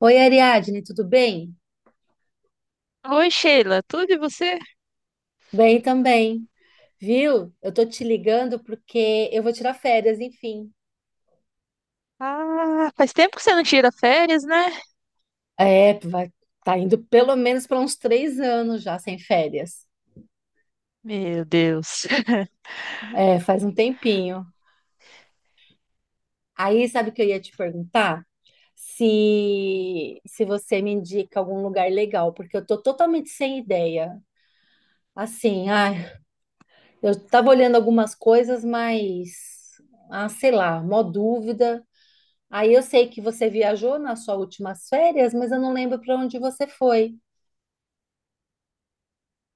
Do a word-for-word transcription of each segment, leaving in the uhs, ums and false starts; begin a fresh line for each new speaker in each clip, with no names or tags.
Oi, Ariadne, tudo bem?
Oi, Sheila, tudo e você?
Bem também. Viu? Eu tô te ligando porque eu vou tirar férias, enfim.
Ah, faz tempo que você não tira férias, né?
É, vai, tá indo pelo menos para uns três anos já sem férias.
Meu Deus.
É, faz um tempinho. Aí, sabe o que eu ia te perguntar? Se, se você me indica algum lugar legal, porque eu tô totalmente sem ideia. Assim, ai, eu tava olhando algumas coisas, mas, ah, sei lá, mó dúvida. Aí eu sei que você viajou nas suas últimas férias, mas eu não lembro para onde você foi.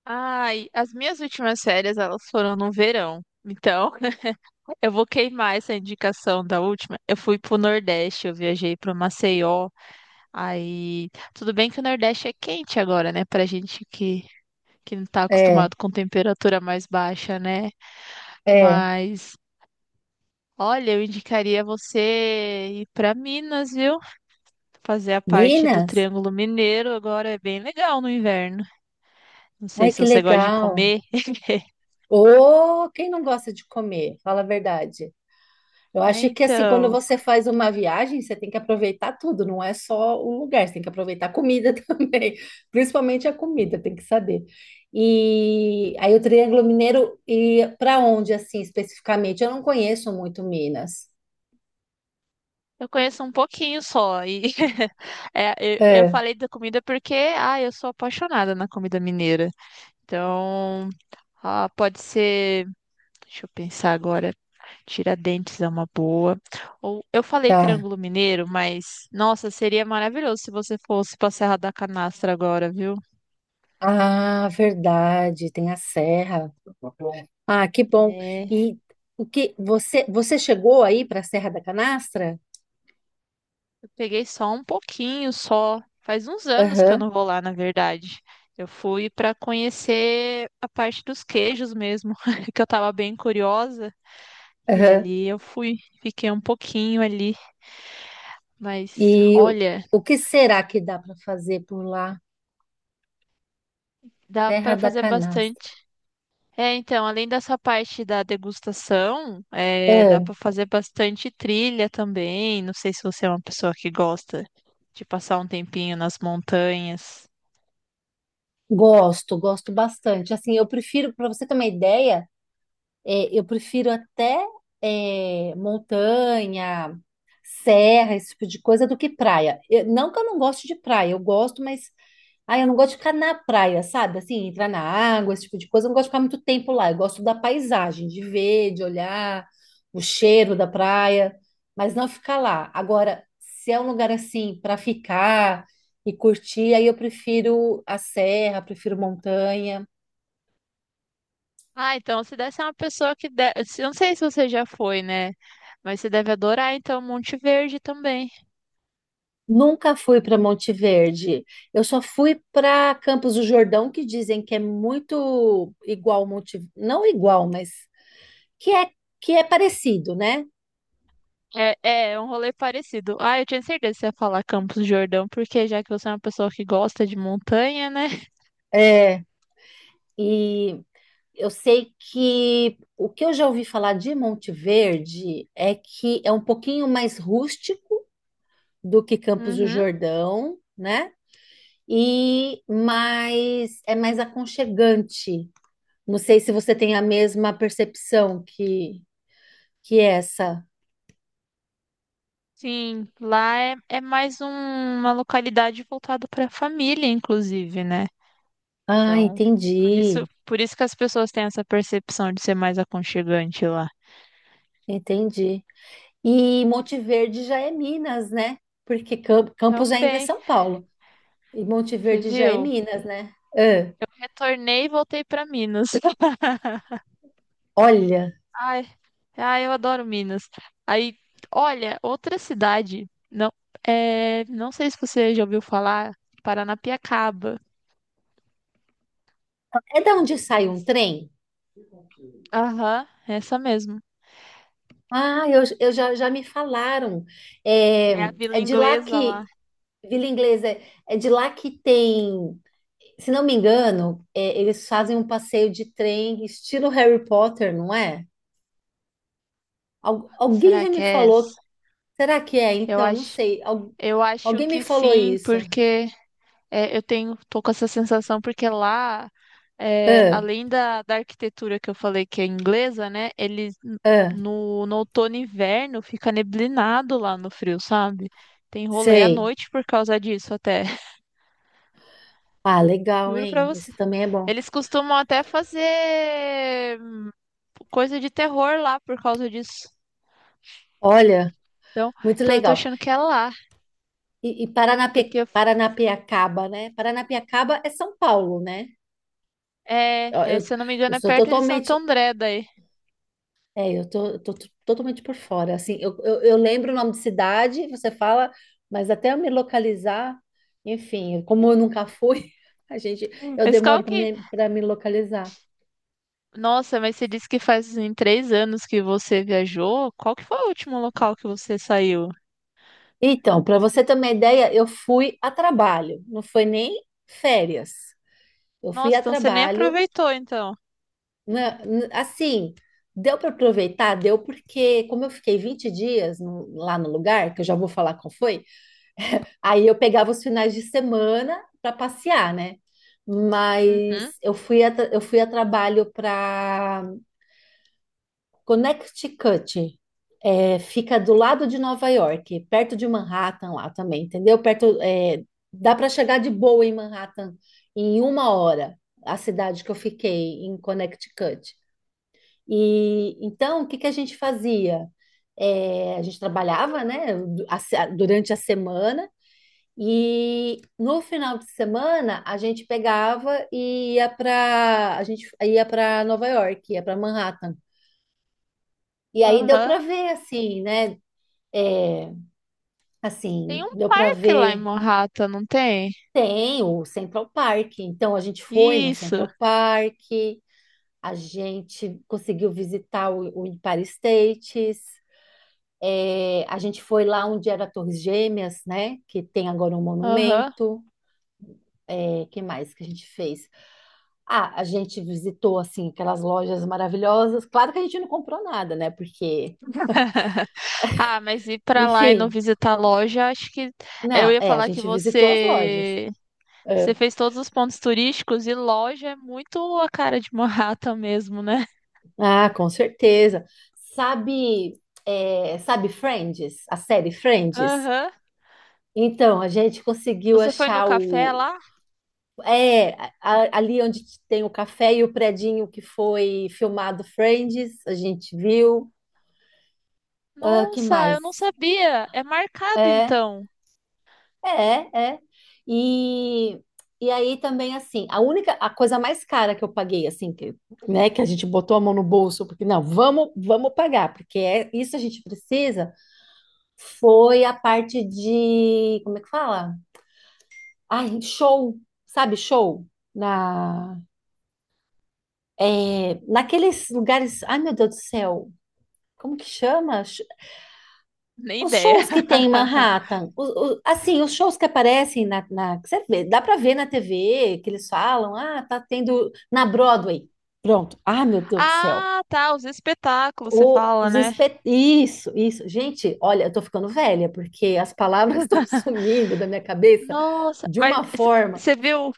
Ai, as minhas últimas férias, elas foram no verão. Então, eu vou queimar essa indicação da última. Eu fui pro Nordeste, eu viajei pro Maceió. Aí, tudo bem que o Nordeste é quente agora, né? Pra gente que, que não tá
É,
acostumado com temperatura mais baixa, né?
é.
Mas, olha, eu indicaria você ir pra Minas, viu? Fazer a parte do
Minas?
Triângulo Mineiro agora é bem legal no inverno. Não sei
Ai,
se
que
você gosta de
legal.
comer.
Ô, quem não gosta de comer? Fala a verdade. Eu
É,
acho que assim, quando
então,
você faz uma viagem, você tem que aproveitar tudo, não é só o lugar, você tem que aproveitar a comida também, principalmente a comida, tem que saber. E aí o Triângulo Mineiro e para onde assim especificamente? Eu não conheço muito Minas.
eu conheço um pouquinho só. E é, eu, eu
É,
falei da comida porque, ah, eu sou apaixonada na comida mineira. Então, ah, pode ser, deixa eu pensar agora, Tiradentes é uma boa. Ou eu falei
tá.
Triângulo Mineiro, mas nossa, seria maravilhoso se você fosse pra Serra da Canastra agora, viu?
Ah, verdade, tem a serra. Ah, que bom. E o que você você chegou aí para a Serra da Canastra?
Peguei só um pouquinho, só. Faz uns anos que eu
Aham,
não vou lá, na verdade. Eu fui para conhecer a parte dos queijos mesmo, que eu tava bem curiosa. E
aham.
ali eu fui, fiquei um pouquinho ali, mas
E o,
olha,
o que será que dá para fazer por lá?
dá
Serra
para
da
fazer
Canastra.
bastante. É, então, além dessa parte da degustação, é, dá
Ah,
para fazer bastante trilha também. Não sei se você é uma pessoa que gosta de passar um tempinho nas montanhas.
gosto, gosto bastante. Assim, eu prefiro, para você ter uma ideia, é, eu prefiro até é, montanha, serra, esse tipo de coisa, do que praia. Eu- não que eu não goste de praia, eu gosto, mas ai, eu não gosto de ficar na praia, sabe? Assim, entrar na água, esse tipo de coisa. Eu não gosto de ficar muito tempo lá. Eu gosto da paisagem, de ver, de olhar, o cheiro da praia, mas não ficar lá. Agora, se é um lugar assim para ficar e curtir, aí eu prefiro a serra, prefiro montanha.
Ah, então se desse é uma pessoa que de... Eu não sei se você já foi, né? Mas você deve adorar, então, Monte Verde também.
Nunca fui para Monte Verde. Eu só fui para Campos do Jordão, que dizem que é muito igual Monte, não igual, mas que é que é parecido, né?
É, é é um rolê parecido. Ah, eu tinha certeza que você ia falar Campos do Jordão, porque já que você é uma pessoa que gosta de montanha, né?
É, e eu sei que o que eu já ouvi falar de Monte Verde é que é um pouquinho mais rústico do que Campos do
Uhum.
Jordão, né? E mais É mais aconchegante. Não sei se você tem a mesma percepção que que essa.
Sim, lá é, é mais um- uma localidade voltada para a família, inclusive, né?
Ah,
Então, por isso,
entendi,
por isso que as pessoas têm essa percepção de ser mais aconchegante lá.
entendi. E Monte Verde já é Minas, né? Porque Cam- Campos ainda é
Também,
São Paulo. E Monte
você
Verde já é
viu?
Minas, né? Ah,
Retornei e voltei para Minas.
olha,
Ai, ai, eu adoro Minas. Aí, olha, outra cidade, não, é, não sei se você já ouviu falar, Paranapiacaba.
é da onde sai um
Eles.
trem?
Aham, essa mesmo.
Ah, eu, eu já, já me falaram. É,
É a vila
é de lá
inglesa lá.
que, Vila Inglesa, é é de lá que tem, se não me engano, é, eles fazem um passeio de trem estilo Harry Potter, não é? Al- alguém
Será
já
que
me
é
falou.
essa?
Será que é?
Eu
Então, não
acho,
sei. Al-
eu acho
alguém me
que
falou
sim,
isso.
porque É, eu tenho, tô com essa sensação porque lá, é,
Ah,
além da, da arquitetura que eu falei que é inglesa, né? Eles n-
ah,
no, no outono e inverno fica neblinado lá no frio, sabe? Tem rolê à
sei.
noite por causa disso até.
Ah, legal,
Juro pra
hein?
você.
Esse também é bom.
Eles costumam até fazer hum, coisa de terror lá por causa disso.
Olha,
Então,
muito
então eu tô
legal.
achando que é lá,
E, e Paranape-
porque
Paranapiacaba, né? Paranapiacaba é São Paulo, né?
é,
Ó,
é,
Eu,
se eu não me
eu
engano, é
sou
perto de Santo
totalmente.
André daí.
É, eu tô, eu tô t- totalmente por fora. Assim, eu, eu, eu lembro o nome de cidade, você fala, mas até eu me localizar, enfim, como eu nunca fui, a gente, eu
Mas
demoro
qual
para
que
me, para me localizar.
Nossa, mas você disse que faz em três anos que você viajou. Qual que foi o último local que você saiu?
Então, para você ter uma ideia, eu fui a trabalho, não foi nem férias. Eu fui
Nossa,
a
então você nem
trabalho,
aproveitou, então.
né, n- assim, deu para aproveitar, deu porque como eu fiquei vinte dias no- lá no lugar, que eu já vou falar qual foi, aí eu pegava os finais de semana para passear, né? Mas
Uhum.
eu fui a, tra- eu fui a trabalho para Connecticut. É, fica do lado de Nova York, perto de Manhattan lá também, entendeu? Perto, é, dá para chegar de boa em Manhattan em uma hora, a cidade que eu fiquei em Connecticut. E então, o que que a gente fazia? É, a gente trabalhava, né, du- a se- durante a semana e no final de semana a gente pegava e ia para a gente ia para Nova York, ia para Manhattan. E aí deu para
Aham.
ver, assim, né? É,
Tem
assim,
um
deu para
parque lá em
ver.
Morrata, não tem?
Tem o Central Park, então a gente foi no
Isso.
Central Park, a gente conseguiu visitar o, o Empire States, é, a gente foi lá onde era a Torres Gêmeas, né? Que tem agora um
Aham.
monumento. É, que mais que a gente fez? Ah, a gente visitou, assim, aquelas lojas maravilhosas. Claro que a gente não comprou nada, né? Porque,
Ah, mas ir pra lá e não
enfim,
visitar a loja, acho que eu
não,
ia
é, a
falar que
gente visitou as lojas.
você você
É,
fez todos os pontos turísticos e loja é muito a cara de Morrata mesmo, né?
Ah, com certeza. Sabe, é, sabe Friends? A série Friends?
Aham.
Então, a gente conseguiu
Você foi no
achar
café
o.
lá?
É, a- ali onde tem o café e o predinho que foi filmado Friends, a gente viu. Ah, que
Nossa, eu não
mais?
sabia. É marcado
É,
então.
é, é. E, e aí também, assim, a única, a coisa mais cara que eu paguei, assim, que, né, que a gente botou a mão no bolso, porque não, vamos, vamos pagar, porque é, isso a gente precisa. Foi a parte de, como é que fala? Ai, show, sabe, show? Na, é, Naqueles lugares, ai meu Deus do céu, como que chama? Sh-
Nem
Os
ideia.
shows que tem em Manhattan, o- o- assim, os shows que aparecem na, na- que você vê, dá para ver na T V, que eles falam, ah, tá tendo na Broadway. Pronto. Ah, meu Deus do céu.
Ah, tá, os espetáculos, você
O,
fala,
os
né?
espe... Isso, isso. Gente, olha, eu tô ficando velha, porque as palavras estão sumindo da minha cabeça
Nossa,
de
mas
uma
c-
forma.
você viu?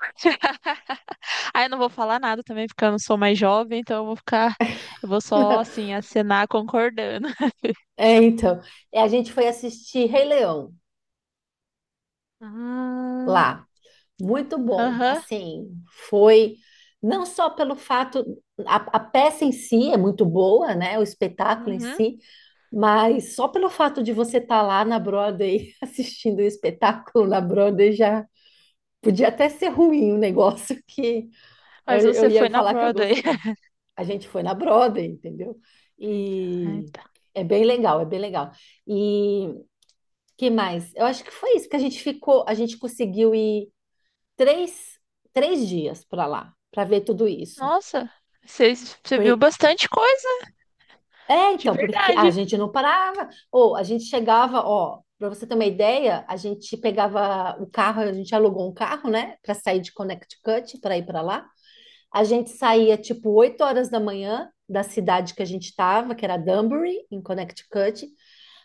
Ah, eu não vou falar nada também, porque eu não sou mais jovem, então eu vou ficar, eu vou só assim acenar concordando.
É, então, é, a gente foi assistir Rei Leão
Ah,
lá. Muito bom.
Aham.
Assim, foi não só pelo fato, a, a peça em si é muito boa, né? O espetáculo em
Uhum.
si, mas só pelo fato de você estar lá na Broadway assistindo o espetáculo na Broadway já podia até ser ruim o negócio que Eu,
Mas
eu
você
ia
foi na
falar que eu
Broadway.
gostei. A gente foi na Broadway, entendeu?
Eita,
E
eita.
é bem legal, é bem legal. E que mais? Eu acho que foi isso, que a gente ficou, a gente conseguiu ir três, três dias para lá, para ver tudo isso.
Nossa, você, você viu
Por-
bastante coisa,
É,
de
então, porque a
verdade.
gente não parava, ou a gente chegava, ó, para você ter uma ideia, a gente pegava o carro, a gente alugou um carro, né, para sair de Connecticut, para ir para lá. A gente saía tipo oito horas da manhã da cidade que a gente estava, que era Danbury, em Connecticut.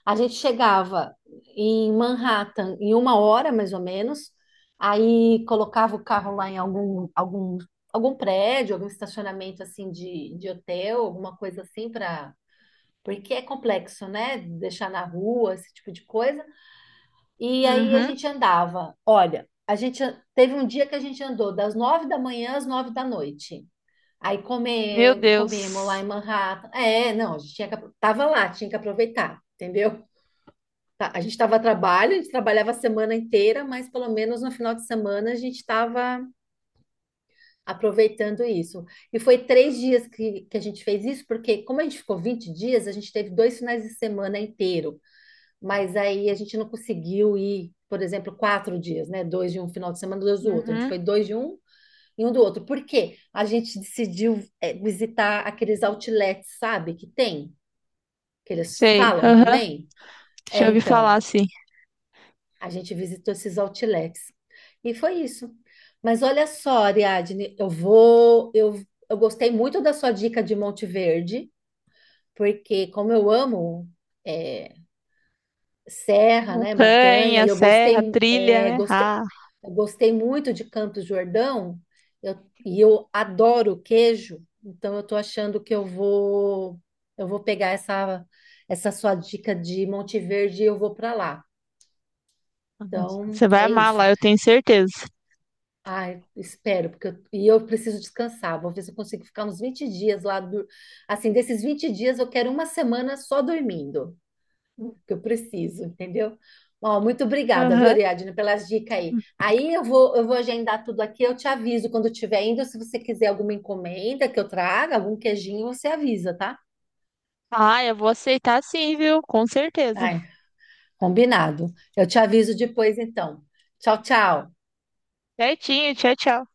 A gente chegava em Manhattan em uma hora, mais ou menos. Aí colocava o carro lá em algum, algum, algum prédio, algum estacionamento assim de, de hotel, alguma coisa assim para. Porque é complexo, né? Deixar na rua, esse tipo de coisa. E aí a
Uhum.
gente andava. Olha, a gente an- teve um dia que a gente andou das nove da manhã às nove da noite. Aí
Meu
comer, comemos lá em
Deus.
Manhattan. É, não, a gente tinha que, apro- tava lá, tinha que aproveitar, entendeu? Tá, a gente estava a trabalho, a gente trabalhava a semana inteira, mas pelo menos no final de semana a gente estava aproveitando isso. E foi três dias que, que a gente fez isso, porque como a gente ficou vinte dias, a gente teve dois finais de semana inteiro, mas aí a gente não conseguiu ir, por exemplo, quatro dias, né? Dois de um final de semana, dois do outro. A gente
Uhum.
foi dois de um e um do outro. Por quê? A gente decidiu é, visitar aqueles outlets, sabe, que tem, que eles
Sei.
falam
Aham.
também. É,
Já ouvi falar
então,
assim.
a gente visitou esses outlets. E foi isso. Mas olha só, Ariadne, eu vou, eu, eu gostei muito da sua dica de Monte Verde, porque como eu amo é, serra, né, montanha, e
Montanha,
eu
serra,
gostei,
trilha,
é,
né?
gostei,
Ah,
eu gostei muito de Campos do Jordão, eu- e eu adoro queijo, então eu estou achando que eu vou eu vou pegar essa essa sua dica de Monte Verde e eu vou para lá. Então,
você vai
é
amar
isso.
lá, eu tenho certeza.
Ai, espero, porque eu, e eu preciso descansar. Vou ver se eu consigo ficar uns vinte dias lá. Do- assim, desses vinte dias, eu quero uma semana só dormindo. Que eu preciso, entendeu? Ó, muito obrigada, viu,
Aham.
Ariadne, pelas dicas aí. Aí eu vou, eu vou agendar tudo aqui, eu te aviso quando eu estiver indo, se você quiser alguma encomenda que eu traga, algum queijinho, você avisa, tá?
Ah, eu vou aceitar sim, viu? Com certeza.
Ai, combinado. Eu te aviso depois, então. Tchau, tchau.
Certinho, tchau, tchau.